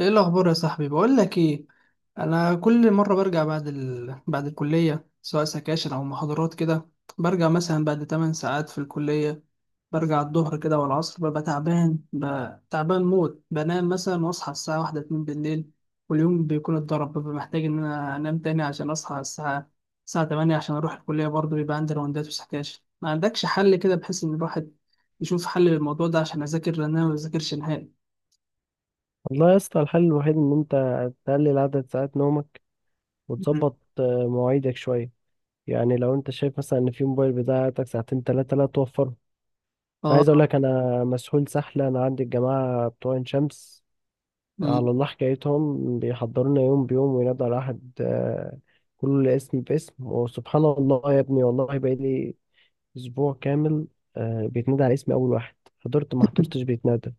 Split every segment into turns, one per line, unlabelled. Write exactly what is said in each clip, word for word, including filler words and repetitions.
ايه الاخبار يا صاحبي؟ بقول لك ايه، انا كل مره برجع بعد ال... بعد الكليه سواء سكاشن او محاضرات كده. برجع مثلا بعد 8 ساعات في الكليه، برجع الظهر كده والعصر، ببقى تعبان، ببقى تعبان موت، بنام مثلا واصحى الساعه واحدة اتنين بالليل واليوم بيكون اتضرب. ببقى محتاج ان انا انام تاني عشان اصحى الساعه الساعه ثمانية عشان اروح الكليه. برضه بيبقى عندي راوندات وسكاشن، ما عندكش حل كده بحيث ان الواحد يشوف حل للموضوع ده عشان اذاكر، لان انا ما بذاكرش نهائي.
والله يا اسطى، الحل الوحيد ان انت تقلل عدد ساعات نومك
مم.
وتظبط آه، مواعيدك شويه. يعني لو انت شايف مثلا ان في موبايل بتاعتك ساعتين ثلاثه، لا توفره. انا عايز اقول
اه.
لك، انا مسحول سحله. انا عندي الجماعه بتوع عين شمس،
مم.
على الله حكايتهم، بيحضرونا يوم بيوم وينادوا على احد آه، كل اسم باسم. وسبحان الله يا ابني، والله بقالي اسبوع كامل آه، بيتنادى على اسمي اول واحد. حضرت ما حضرتش بيتنادى،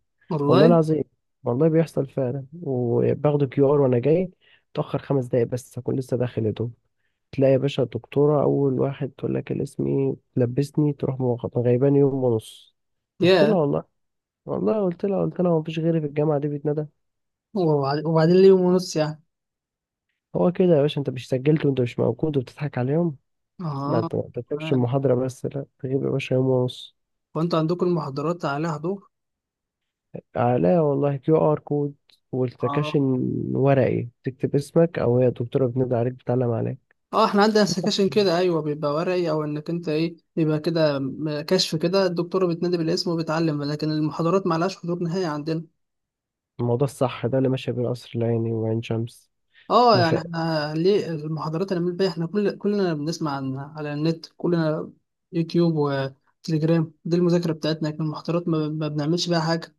والله
والله.
العظيم. والله بيحصل فعلا، وباخده كيو ار وانا جاي اتاخر خمس دقايق بس هكون لسه داخل يا دوب. تلاقي يا باشا الدكتوره اول واحد تقول لك الاسم ايه، تلبسني تروح مغ- غيباني يوم ونص. رحت لها
يا
والله، والله قلت لها قلت لها مفيش غيري في الجامعه دي بيتندى.
وبعد- وبعدين ليه يوم ونص يعني؟
هو كده يا باشا، انت مش سجلت وانت مش موجود وبتضحك عليهم.
اه.
ما ت- ما تكتبش
تمام.
المحاضره بس، لا تغيب يا باشا يوم ونص.
وانتوا عندكم المحاضرات عليها حضور؟
لا والله، كيو ار كود
اه.
والتكاشن ورقي تكتب اسمك، او هي الدكتوره بتنادي عليك بتعلم عليك.
اه، احنا عندنا
صح.
سكاشن كده، ايوه، بيبقى ورقي او انك انت ايه، بيبقى كده م- كشف كده، الدكتوره بتنادي بالاسم وبتعلم، لكن المحاضرات ما لهاش حضور نهائي عندنا.
الموضوع الصح ده اللي ماشي بين قصر العيني وعين شمس.
اه يعني
مفاق.
احنا ليه المحاضرات اللي بنعمل بيها احنا، كل كلنا بنسمع عن على النت، كلنا يوتيوب وتليجرام دي المذاكره بتاعتنا، لكن المحاضرات ما, ما بنعملش بيها حاجه.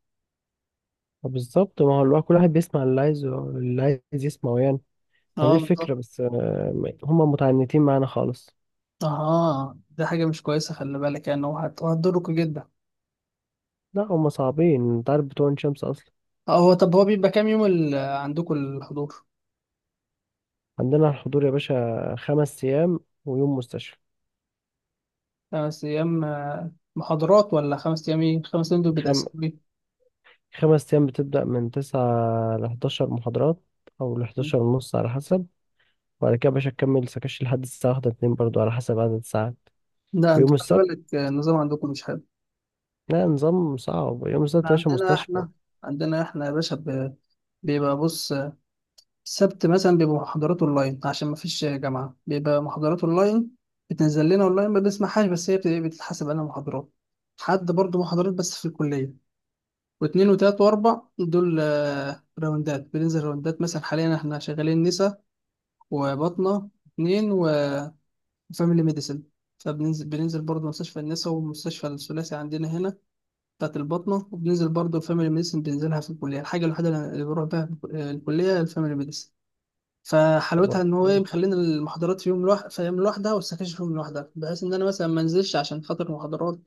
بالظبط، ما هو الواحد كل واحد بيسمع اللي عايزه اللي عايز يسمعه يعني. ما دي
اه بالظبط.
الفكرة، بس آه، هما متعنتين معانا خالص.
اه دي حاجة مش كويسة، خلي بالك يعني، هو هت- هتضركوا جدا.
لا هما صعبين، انت عارف بتوع عين شمس أصلا.
آه، هو طب هو بيبقى كام يوم ال- عندكم الحضور؟
عندنا الحضور يا باشا خمس أيام ويوم مستشفى.
خمس أيام آه، محاضرات، ولا خمس أيام ايه؟ خمس أيام دول
خم...
بتقسمين؟
خمس أيام بتبدأ من تسعة لحداشر محاضرات، أو لحداشر ونص على حسب. وبعد كده يا باشا تكمل سكاش لحد الساعة واحدة اتنين برضو على حسب عدد الساعات.
لا انت
ويوم
خلي
السبت،
بالك، آه، النظام عندكم مش حلو.
لا، نظام صعب، يوم السبت يا
احنا
باشا
عندنا،
مستشفى.
احنا عندنا احنا يا باشا ب- بيبقى بص، آه، السبت مثلا بيبقى محاضرات اونلاين، عشان ما فيش جامعة بيبقى محاضرات اونلاين، بتنزل لنا اونلاين ما بنسمعهاش، بس هي بت- بتتحسب انها محاضرات. حد برضو محاضرات بس في الكلية. واتنين وتلات واربع دول آه، راوندات، بننزل راوندات مثلا حاليا احنا شغالين نسا وبطنة اتنين وفاميلي ميديسن، فبننزل بننزل برضه مستشفى النسا ومستشفى الثلاثي عندنا هنا بتاعت البطنة، وبننزل برضه فاميلي ميديسن بننزلها في الكلية. الحاجة الوحيدة اللي بروح بيها الكلية الفاميلي ميديسن، فحلاوتها ان هو ايه، مخلينا المحاضرات في يوم لوحدها، في يوم لوحدها، والسكاشن في يوم لوحدها، بحيث ان انا مثلا ما انزلش عشان خاطر محاضرات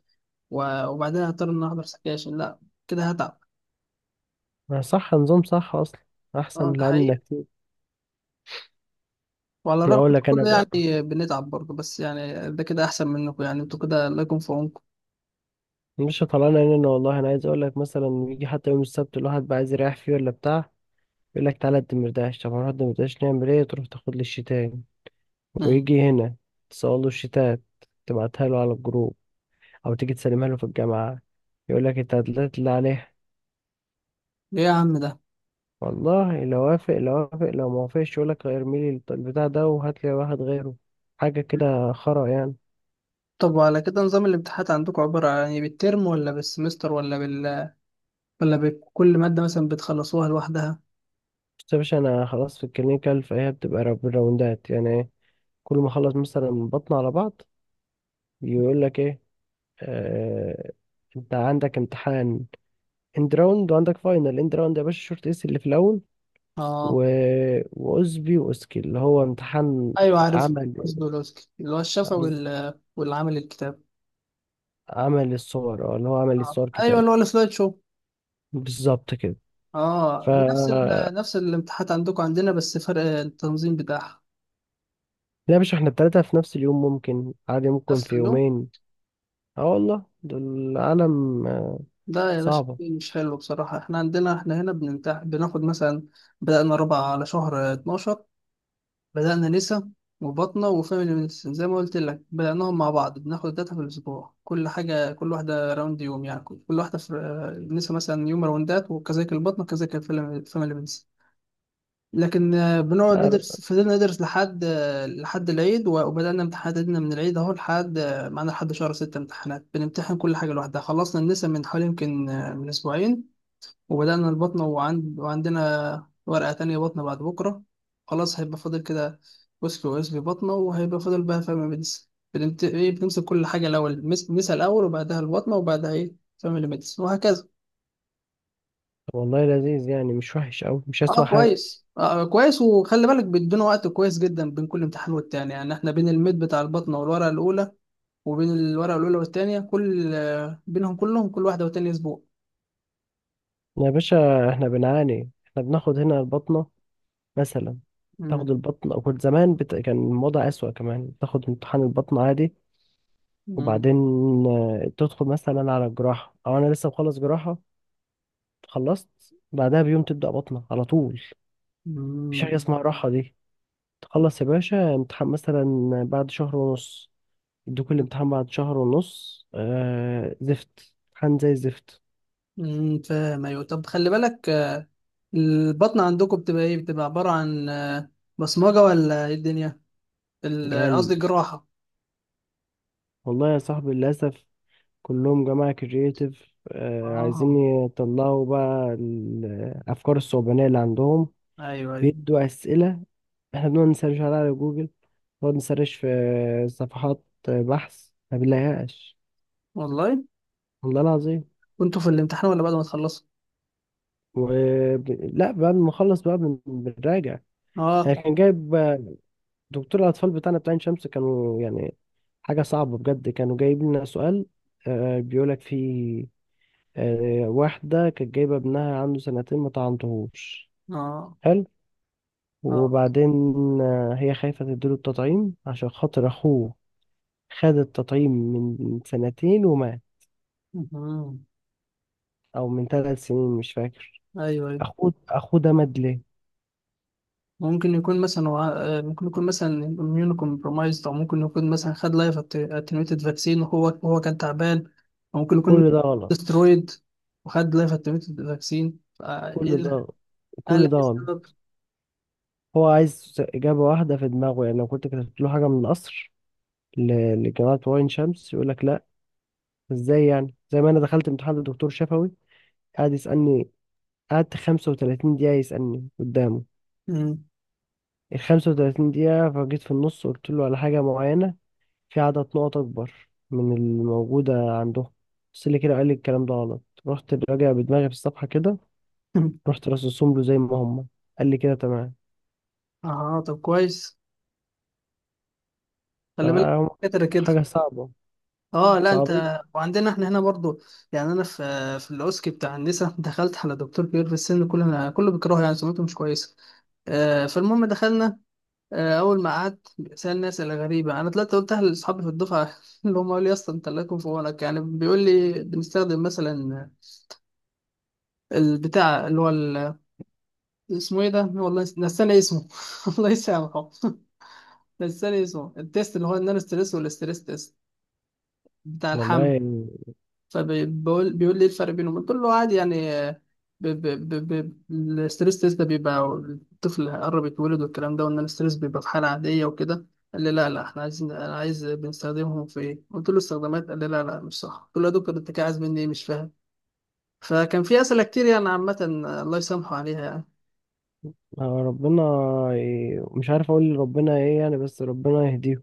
و- وبعدين هضطر ان أنا احضر سكاشن، لا كده هتعب.
ما صح، نظام صح اصلا، احسن
اه
من
ده
اللي عندنا
حقيقي،
كتير.
وعلى الرغم
اقول
من
لك
كل
انا بقى،
يعني بنتعب برضه، بس يعني ده كده أحسن منكم يعني، انتوا كده الله يكون في عونكم.
مش طلعنا هنا والله. انا عايز اقول لك مثلا، يجي حتى يوم السبت الواحد بقى عايز يريح فيه ولا بتاع، يقول لك تعالى الدمرداش. طب هنروح الدمرداش نعمل ايه؟ تروح تاخد لي الشتان،
مم.
ويجي هنا تسأله له الشتات، تبعتها له على الجروب، او تيجي تسلمها له في الجامعه، يقول لك انت هتلاقي اللي عليها.
إيه يا عم ده؟
والله لو وافق، لو وافق لو ما وافقش، يقول لك ارمي لي البتاع ده وهات لي واحد غيره. حاجه كده خرا يعني.
طب وعلى كده نظام الامتحانات عندكم عبارة عن يعني بالترم، ولا بالسمستر، ولا بال، ولا بكل مادة مثلا بتخلصوها لوحدها؟
بس يا باشا، انا خلاص في الكلينيكال، فهي بتبقى را- بالراوندات، يعني ايه كل ما اخلص مثلا بطن على بعض، يقول لك ايه آه انت عندك امتحان اند راوند، وعندك فاينل اند راوند، يا باشا شورت اس اللي في الاول.
اه.
و... واسبي واسكي اللي هو امتحان
ايوه عارف،
عمل،
قصدولوسكي اللي هو الشفا
بز-
وال... والعمل الكتاب.
عمل الصور، اه اللي هو عمل
اه
الصور
ايوه
كتاب.
اللي هو السلايد شو.
بالظبط كده.
اه
ف
نفس ال...
لا
نفس الامتحانات عندكم عندنا، بس فرق التنظيم بتاعها.
يا باشا، احنا التلاتة في نفس اليوم، ممكن عادي، ممكن
نفس
في
اليوم؟
يومين. اه والله دول عالم
لا يا باشا
صعبة.
مش حلو بصراحة. احنا عندنا، احنا هنا بنمتح بناخد مثلا، بدأنا ربع على شهر اتناشر، بدأنا نسا وبطنة وفاميلي ميديسن زي ما قلت لك، بدأناهم مع بعض بناخد داتا في الأسبوع، كل حاجة كل واحدة راوند يوم يعني، كل كل واحدة في نسا مثلا يوم راوندات، وكذلك البطنة، وكذلك الفاميلي ميديسن. لكن آه، بنقعد ندرس، فضلنا ندرس لحد آه، لحد العيد، و- وبدأنا امتحاناتنا من العيد اهو لحد آه، معانا لحد شهر ستة امتحانات، بنمتحن كل حاجة لوحدها. خلصنا النسا من حوالي يمكن آه، من أسبوعين وبدأنا البطنة، وعند... وعندنا ورقة تانية بطنة بعد بكرة، خلاص هيبقى فاضل كده وسك واسبي بطنة، وهيبقى فاضل بقى فاميلي ميديسن. بنمت... إيه، بنمسك كل حاجة الأول مس... مسها الأول، وبعدها البطنة، وبعدها إيه فاميلي ميديسن، وهكذا.
طب والله لذيذ يعني، مش وحش أوي، مش أسوأ
اه
حاجة.
كويس، آه كويس. وخلي بالك بيدونا وقت كويس جدا بين كل امتحان والتاني، يعني احنا بين الميد بتاع البطنة والورقة الأولى، وبين الورقة الأولى والتانية كل آه، بينهم كلهم، كل واحدة والتانية أسبوع.
يا باشا احنا بنعاني، احنا بناخد هنا البطنة مثلا،
مم.
تاخد البطنة، وكنت زمان بت... كان الوضع أسوأ كمان، تاخد امتحان البطنة عادي،
مم.
وبعدين آه، تدخل مثلا على الجراحة. أو أنا لسه مخلص جراحة، خلصت بعدها بيوم تبدأ بطنة على طول، مفيش
مم.
حاجة اسمها راحة. دي تخلص يا باشا امتحان مثلا، بعد شهر ونص يدوك الامتحان، بعد شهر ونص آه زفت، امتحان زي الزفت.
امم فاهم. ايوه طب خلي بالك، البطن عندكم بتبقى ايه؟ بتبقى عبارة عن آه، بصمجة، ولا ايه الدنيا ال-
لا
آه،
ال-
قصدي جراحة.
والله يا صاحبي، للأسف كلهم جماعة كرييتيف، عايزين
اه.
يطلعوا بقى الأفكار الصعبانية اللي عندهم.
ايوه ايوه.
بيدوا أسئلة، احنا بنقعد نسرش عليها على جوجل، نقعد نسرش في صفحات بحث ما بنلاقيهاش،
والله.
والله العظيم.
كنتوا في الامتحان ولا بعد ما تخلصوا؟
و... لا بعد ما نخلص بقى بن- بنراجع.
اه.
يعني كان جايب دكتور الأطفال بتاعنا بتاع عين شمس، كانوا يعني حاجة صعبة بجد. كانوا جايب لنا سؤال، آه، بيقولك فيه آه، واحدة كانت جايبة ابنها عنده سنتين ما طعنتهوش.
اه.
حلو.
اه.
وبعدين آه، هي خايفة تديله التطعيم عشان خاطر أخوه، خد التطعيم من سنتين ومات،
مهم.
أو من ثلاث سنين مش فاكر.
ايوه ايوه.
أخوه أخوه ده مات ليه؟
ممكن يكون مثلا وع- آه، ممكن يكون مثلا اميون كومبرومايزد، او ممكن يكون مثلا خد لايف اتنويتد فاكسين وهو هو كان تعبان، او ممكن يكون
كل ده غلط.
استرويد وخد لايف اتنويتد فاكسين، فايه
كل
اللي
ده
قال
كل
لك
ده
إيه
غلط.
السبب؟
هو عايز إجابة واحدة في دماغه، يعني لو كنت كتبت له حاجة من القصر ل- لجامعة عين شمس يقول لك لأ. إزاي يعني؟ زي ما أنا دخلت امتحان لدكتور شفوي، قعد يسألني، قعدت خمس وثلاثين دقيقة يسألني قدامه.
مم.
ال خمس وثلاثين دقيقة فجيت في النص قلت له على حاجة معينة، في عدد نقط أكبر من الموجودة عندهم. بس اللي كده، قال لي الكلام ده غلط، رحت راجع بدماغي في الصفحة كده، رحت رصصهم له زي ما هم، قال لي كده تمام.
اه طب كويس، خلي بالك
فهم
كتر كده.
حاجة صعبة،
اه لا
صعبين
انت، وعندنا احنا هنا برضو، يعني انا في في الاوسكي بتاع النساء دخلت على دكتور كبير في السن، كلنا كله بيكرهه يعني، سمعته مش كويسه. آه فالمهم دخلنا، آه اول ما قعدت سالني اسئله غريبه، انا طلعت قلتها لاصحابي في الدفعه اللي هم قالوا لي يا اسطى انت الله يكون في عونك. يعني بيقول لي بنستخدم مثلا البتاع اللي هو ال- اسمه ايه ده والله، نس- نساني اسمه الله يسامحه. نساني اسمه، التيست اللي هو النان ستريس والاستريس تيست بتاع
والله
الحمل،
يعني.
فبيقول بيقول لي ايه الفرق بينهم؟ قلت له عادي يعني آه، ب... ب... ب... ب... الستريس تيست ده بيبقى الطفل قرب يتولد والكلام ده، وان الستريس بيبقى في حاله عاديه وكده. قال لي لا لا احنا عايزين، انا عايز بنستخدمهم في ايه؟ قلت له استخدامات. قال لي لا لا مش صح. قلت له يا دكتور انت كده عايز مني ايه؟ مش فاهم. فكان في اسئله كتير يعني عامه، آه، الله يسامحه عليها يعني.
آه، ربنا ي- مش عارف أقول ربنا إيه يعني، بس ربنا يهديهم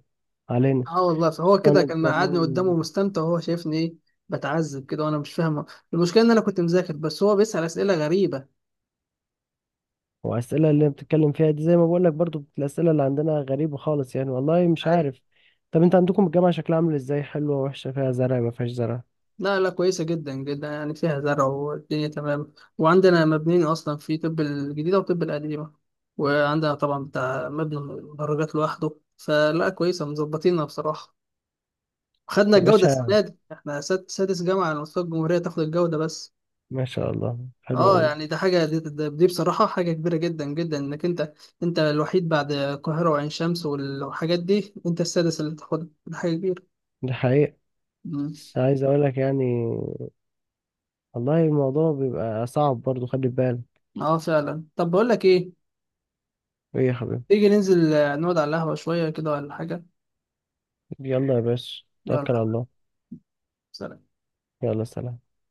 علينا.
اه والله. فهو كده
استنى
كان قعدني قدامه
كمان.
مستمتع، وهو شايفني ايه بتعذب كده وانا مش فاهمه. المشكله ان انا كنت مذاكر، بس هو بيسال اسئله غريبه.
وأسئلة اللي بتتكلم فيها دي، زي ما بقول لك برضو الأسئلة اللي عندنا غريبة خالص يعني، والله مش عارف. طب انت عندكم الجامعة شكلها عامل ازاي؟ حلوة وحشة؟ فيها زرع ما فيهاش زرع؟
لا لا كويسة جدا جدا، يعني فيها زرع والدنيا تمام، وعندنا مبنيين أصلا في طب الجديدة وطب القديمة، وعندنا طبعا بتاع مبنى المدرجات لوحده، فلا كويسة مظبطينها بصراحة. خدنا
يا
الجودة
باشا
السنة دي، احنا ساد- سادس جامعة على مستوى الجمهورية تاخد الجودة. بس.
ما شاء الله، حلو
اه
قوي.
يعني ده حاجة، دي, دي, دي بصراحة حاجة كبيرة جدا جدا، انك انت، انت الوحيد بعد القاهرة وعين شمس والحاجات دي، انت السادس اللي تاخدها، ده حاجة كبيرة.
دي حقيقة.
مم.
بس عايز اقول لك يعني، والله الموضوع بيبقى صعب برضو، خلي بالك.
اه فعلا. طب بقول لك ايه،
ايه يا حبيبي؟
تيجي ننزل آه، نقعد على القهوة شوية كده ولا حاجة؟
يلا يا باشا، توكل على
يلا.
الله.
سلام.
يلا سلام.